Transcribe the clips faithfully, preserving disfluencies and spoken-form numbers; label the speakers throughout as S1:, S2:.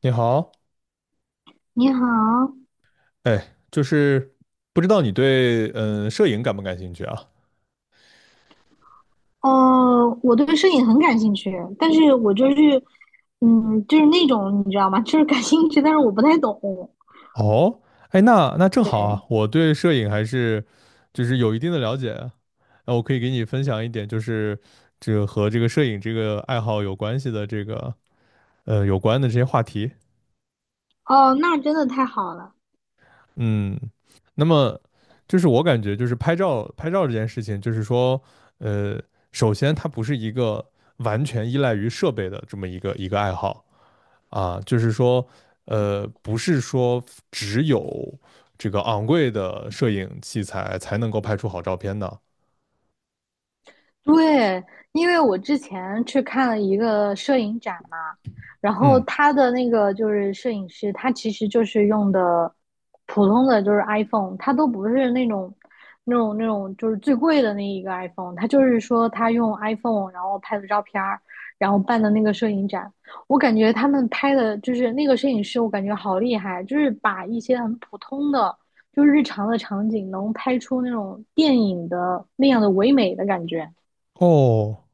S1: 你好，
S2: 你好，
S1: 哎，就是不知道你对嗯摄影感不感兴趣啊？
S2: 呃，我对摄影很感兴趣，但是我就是，嗯，就是那种你知道吗？就是感兴趣，但是我不太懂。
S1: 哦，哎，那那正
S2: 对，
S1: 好啊，我对摄影还是就是有一定的了解啊，那我可以给你分享一点，就是这个和这个摄影这个爱好有关系的这个呃有关的这些话题。
S2: 哦，那真的太好了。
S1: 嗯，那么就是我感觉就是拍照拍照这件事情，就是说呃，首先它不是一个完全依赖于设备的这么一个一个爱好。啊，就是说，呃，不是说只有这个昂贵的摄影器材才能够拍出好照片的。
S2: 对，因为我之前去看了一个摄影展嘛，然后
S1: 嗯，
S2: 他的那个就是摄影师，他其实就是用的普通的就是 iPhone，他都不是那种那种那种就是最贵的那一个 iPhone，他就是说他用 iPhone 然后拍的照片儿然后办的那个摄影展，我感觉他们拍的就是那个摄影师，我感觉好厉害，就是把一些很普通的就是日常的场景能拍出那种电影的那样的唯美的感觉。
S1: 哦，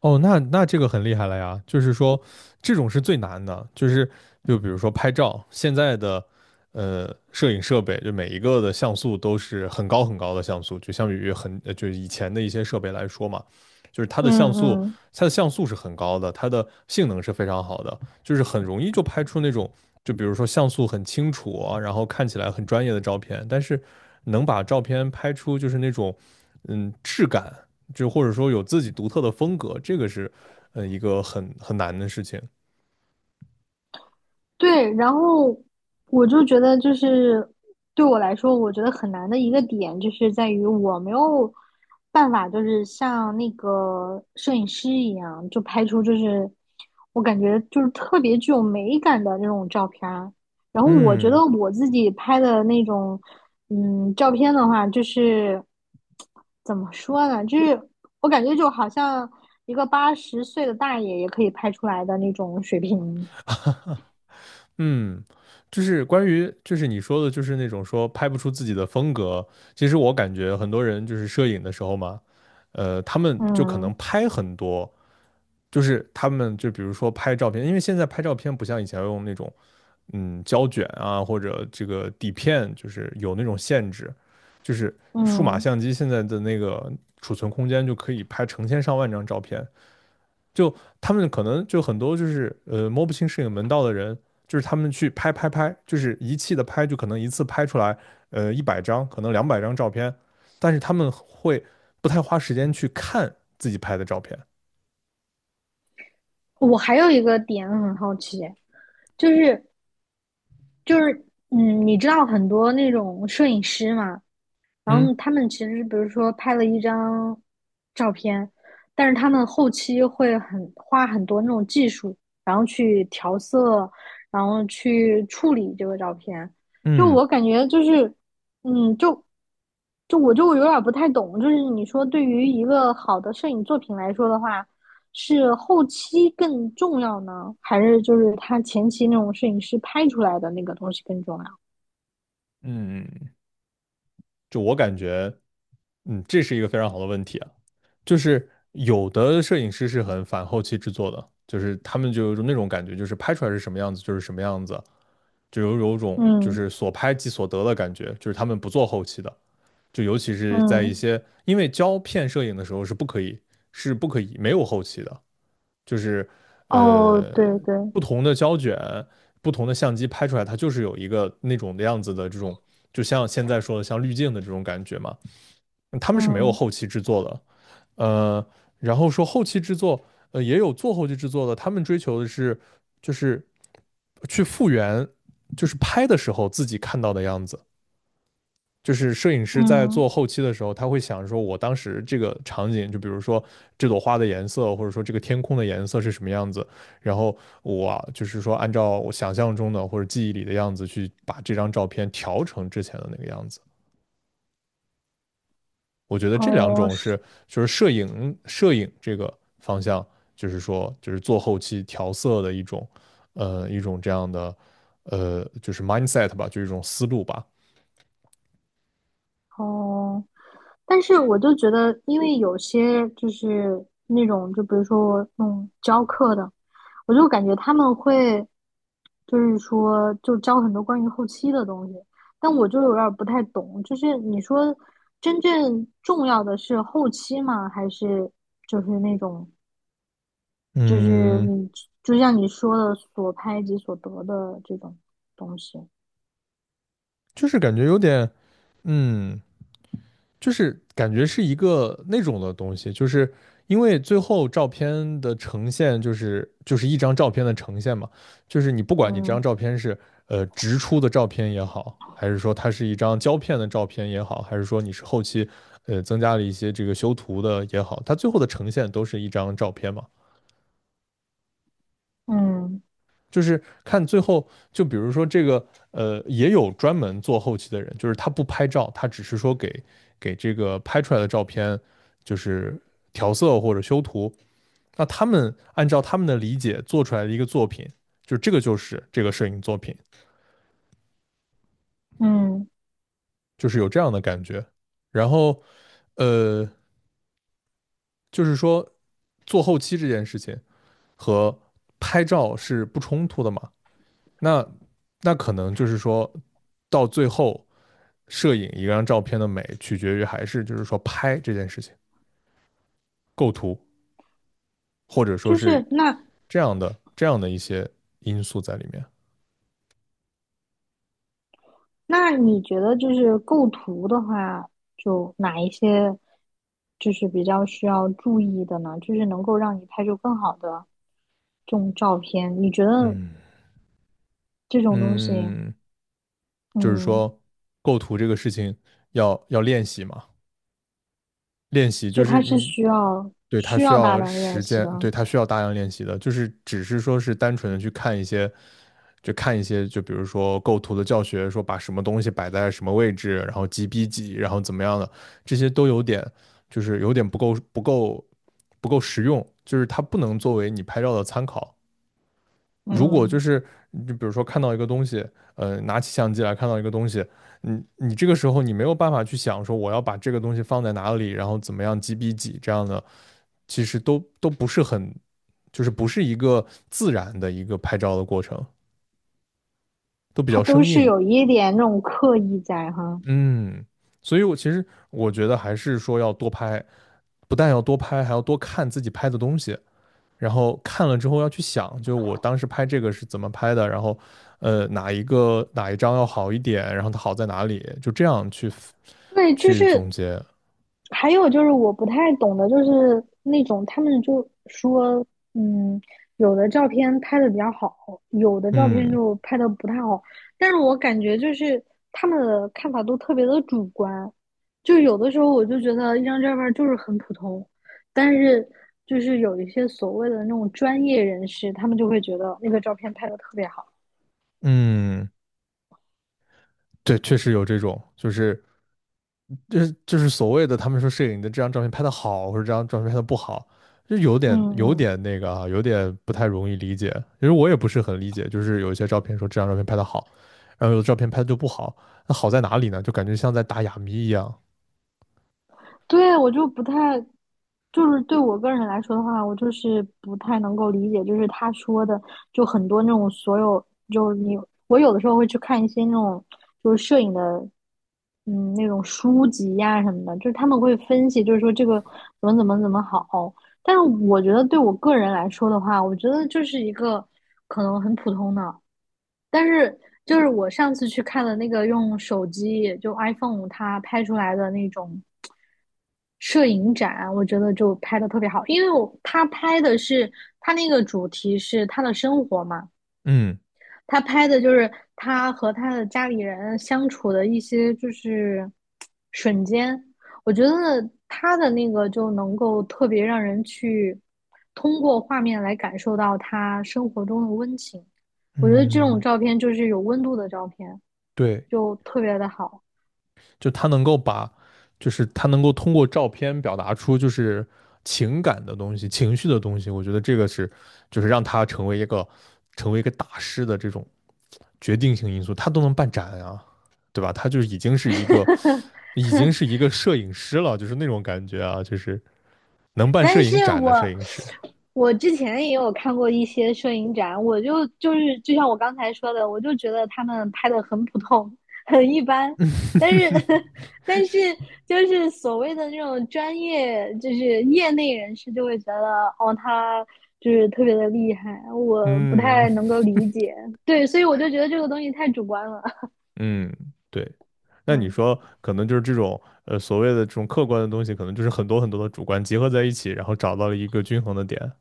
S1: 哦，那那这个很厉害了呀，就是说这种是最难的，就是就比如说拍照，现在的呃摄影设备，就每一个的像素都是很高很高的像素，就相比于很呃就是以前的一些设备来说嘛，就是它的像
S2: 嗯
S1: 素，
S2: 嗯，
S1: 它的像素是很高的，它的性能是非常好的，就是很容易就拍出那种就比如说像素很清楚啊，然后看起来很专业的照片，但是能把照片拍出就是那种嗯质感，就或者说有自己独特的风格，这个是呃一个很很难的事情。
S2: 对，然后我就觉得，就是对我来说，我觉得很难的一个点，就是在于我没有办法，就是像那个摄影师一样，就拍出就是我感觉就是特别具有美感的那种照片儿。然后我觉得
S1: 嗯。
S2: 我自己拍的那种，嗯，照片的话，就是怎么说呢，就是我感觉就好像一个八十岁的大爷也可以拍出来的那种水平。
S1: 嗯，就是关于就是你说的，就是那种说拍不出自己的风格。其实我感觉很多人就是摄影的时候嘛，呃，他们就可能
S2: 嗯
S1: 拍很多，就是他们就比如说拍照片，因为现在拍照片不像以前用那种嗯胶卷啊或者这个底片，就是有那种限制，就是数码
S2: 嗯，
S1: 相机现在的那个储存空间就可以拍成千上万张照片，就他们可能就很多就是呃摸不清摄影门道的人，就是他们去拍拍拍，就是一气的拍，就可能一次拍出来呃一百张，可能两百张照片，但是他们会不太花时间去看自己拍的照片。
S2: 我还有一个点很好奇，就是就是嗯，你知道很多那种摄影师嘛，然
S1: 嗯
S2: 后他们其实比如说拍了一张照片，但是他们后期会很花很多那种技术，然后去调色，然后去处理这个照片。就
S1: 嗯
S2: 我感觉就是，嗯，就就我就有点不太懂，就是你说对于一个好的摄影作品来说的话，是后期更重要呢，还是就是他前期那种摄影师拍出来的那个东西更重要？
S1: 嗯，就我感觉，嗯，这是一个非常好的问题啊，就是有的摄影师是很反后期制作的，就是他们就有那种感觉，就是拍出来是什么样子就是什么样子，就有有种就
S2: 嗯
S1: 是所拍即所得的感觉，就是他们不做后期的，就尤其是在一
S2: 嗯，
S1: 些因为胶片摄影的时候是不可以是不可以没有后期的，就是
S2: 哦，
S1: 呃
S2: 对对。
S1: 不同的胶卷、不同的相机拍出来，它就是有一个那种的样子的这种，就像现在说的像滤镜的这种感觉嘛。他们是没有
S2: 嗯
S1: 后期制作的，呃，然后说后期制作，呃，也有做后期制作的，他们追求的是就是去复原，就是拍的时候自己看到的样子。就是摄影师在
S2: 嗯，
S1: 做后期的时候，他会想说，我当时这个场景，就比如说这朵花的颜色，或者说这个天空的颜色是什么样子，然后我啊就是说按照我想象中的或者记忆里的样子去把这张照片调成之前的那个样子。我觉得这两
S2: 哦
S1: 种
S2: 是
S1: 是就是摄影摄影这个方向，就是说就是做后期调色的一种呃一种这样的呃就是 mindset 吧，就是一种思路吧。
S2: 哦，但是我就觉得，因为有些就是那种，就比如说我弄教课的，我就感觉他们会就是说就教很多关于后期的东西，但我就有点儿不太懂，就是你说真正重要的是后期吗？还是就是那种就是
S1: 嗯，
S2: 你就像你说的所拍即所得的这种东西？
S1: 就是感觉有点嗯就是感觉是一个那种的东西，就是因为最后照片的呈现就是就是一张照片的呈现嘛，就是你不管你这张
S2: 嗯
S1: 照片是呃直出的照片也好，还是说它是一张胶片的照片也好，还是说你是后期呃增加了一些这个修图的也好，它最后的呈现都是一张照片嘛。
S2: 嗯。
S1: 就是看最后，就比如说这个，呃，也有专门做后期的人，就是他不拍照，他只是说给给这个拍出来的照片，就是调色或者修图。那他们按照他们的理解做出来的一个作品，就这个就是这个摄影作品，
S2: 嗯，
S1: 就是有这样的感觉。然后，呃，就是说做后期这件事情和拍照是不冲突的嘛？那那可能就是说到最后摄影一张照片的美，取决于还是就是说拍这件事情、构图，或者说
S2: 就是
S1: 是
S2: 那
S1: 这样的这样的一些因素在里面。
S2: 那你觉得就是构图的话，就哪一些就是比较需要注意的呢？就是能够让你拍出更好的这种照片，你觉得
S1: 嗯
S2: 这种东西，
S1: 嗯，就是
S2: 嗯，
S1: 说构图这个事情要要练习嘛，练习，
S2: 所
S1: 就
S2: 以
S1: 是
S2: 它是
S1: 你
S2: 需要
S1: 对它
S2: 需
S1: 需
S2: 要大
S1: 要
S2: 量练
S1: 时
S2: 习
S1: 间，
S2: 的，
S1: 对它需要大量练习的，就是只是说是单纯的去看一些，就看一些，就比如说构图的教学，说把什么东西摆在什么位置，然后几比几，然后怎么样的，这些都有点就是有点不够不够不够实用，就是它不能作为你拍照的参考。如果就
S2: 嗯，
S1: 是就比如说看到一个东西，呃，拿起相机来看到一个东西，你你这个时候你没有办法去想说我要把这个东西放在哪里，然后怎么样几比几这样的，其实都都不是很，就是不是一个自然的一个拍照的过程，都比
S2: 它
S1: 较
S2: 都
S1: 生
S2: 是
S1: 硬。
S2: 有一点那种刻意在哈。
S1: 嗯，所以我其实我觉得还是说要多拍，不但要多拍，还要多看自己拍的东西。然后看了之后要去想，就我当时拍这个是怎么拍的，然后呃哪一个哪一张要好一点，然后它好在哪里，就这样去
S2: 对，就
S1: 去总
S2: 是
S1: 结。
S2: 还有就是我不太懂的，就是那种他们就说，嗯，有的照片拍的比较好，有的照片
S1: 嗯
S2: 就拍的不太好。但是我感觉就是他们的看法都特别的主观，就有的时候我就觉得一张照片就是很普通，但是就是有一些所谓的那种专业人士，他们就会觉得那个照片拍的特别好。
S1: 嗯，对，确实有这种，就是就是就是所谓的他们说摄影的这张照片拍的好，或者这张照片拍的不好，就有点
S2: 嗯
S1: 有
S2: 嗯。
S1: 点那个啊，有点不太容易理解。其实我也不是很理解，就是有一些照片说这张照片拍的好，然后有的照片拍的就不好，那好在哪里呢？就感觉像在打哑谜一样。
S2: 对，我就不太，就是对我个人来说的话，我就是不太能够理解，就是他说的，就很多那种所有，就是你，我有的时候会去看一些那种就是摄影的，嗯，那种书籍呀、什么的，就是他们会分析，就是说这个怎么怎么怎么好，但是我觉得对我个人来说的话，我觉得就是一个可能很普通的，但是就是我上次去看的那个用手机就 iPhone 它拍出来的那种。摄影展，我觉得就拍的特别好，因为我他拍的是他那个主题是他的生活嘛，
S1: 嗯。
S2: 他拍的就是他和他的家里人相处的一些就是瞬间，我觉得他的那个就能够特别让人去通过画面来感受到他生活中的温情，我觉得这种
S1: 嗯，
S2: 照片就是有温度的照片，
S1: 对，
S2: 就特别的好。
S1: 就他能够把，就是他能够通过照片表达出就是情感的东西、情绪的东西，我觉得这个是，就是让他成为一个成为一个大师的这种决定性因素，他都能办展啊，对吧？他就是已经是一个已经是一个摄影师了，就是那种感觉啊，就是能办摄
S2: 但是
S1: 影展的摄
S2: 我
S1: 影师。
S2: 我之前也有看过一些摄影展，我就就是就像我刚才说的，我就觉得他们拍的很普通，很一般。但是 但是就是所谓的那种专业，就是业内人士就会觉得，哦，他就是特别的厉害，我不
S1: 嗯，
S2: 太能够理解。对，所以我就觉得这个东西太主观了。
S1: 嗯，对。那你
S2: 嗯。
S1: 说，可能就是这种呃所谓的这种客观的东西，可能就是很多很多的主观结合在一起，然后找到了一个均衡的点。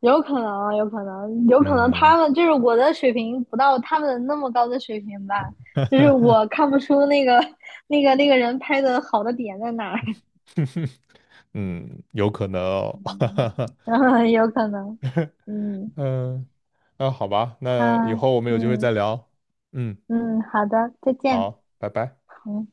S2: 有可能，有可能，有可能
S1: 嗯
S2: 他们就是我的水平不到他们那么高的水平吧，就是我看不出那个 那个那个人拍的好的点在哪儿。
S1: 嗯，有可能哦。
S2: 嗯，有可能。嗯，
S1: 嗯，那好吧，
S2: 好，
S1: 那以后我们有机会
S2: 嗯
S1: 再聊。嗯，
S2: 嗯，好的，再见。
S1: 好，拜拜。
S2: 嗯。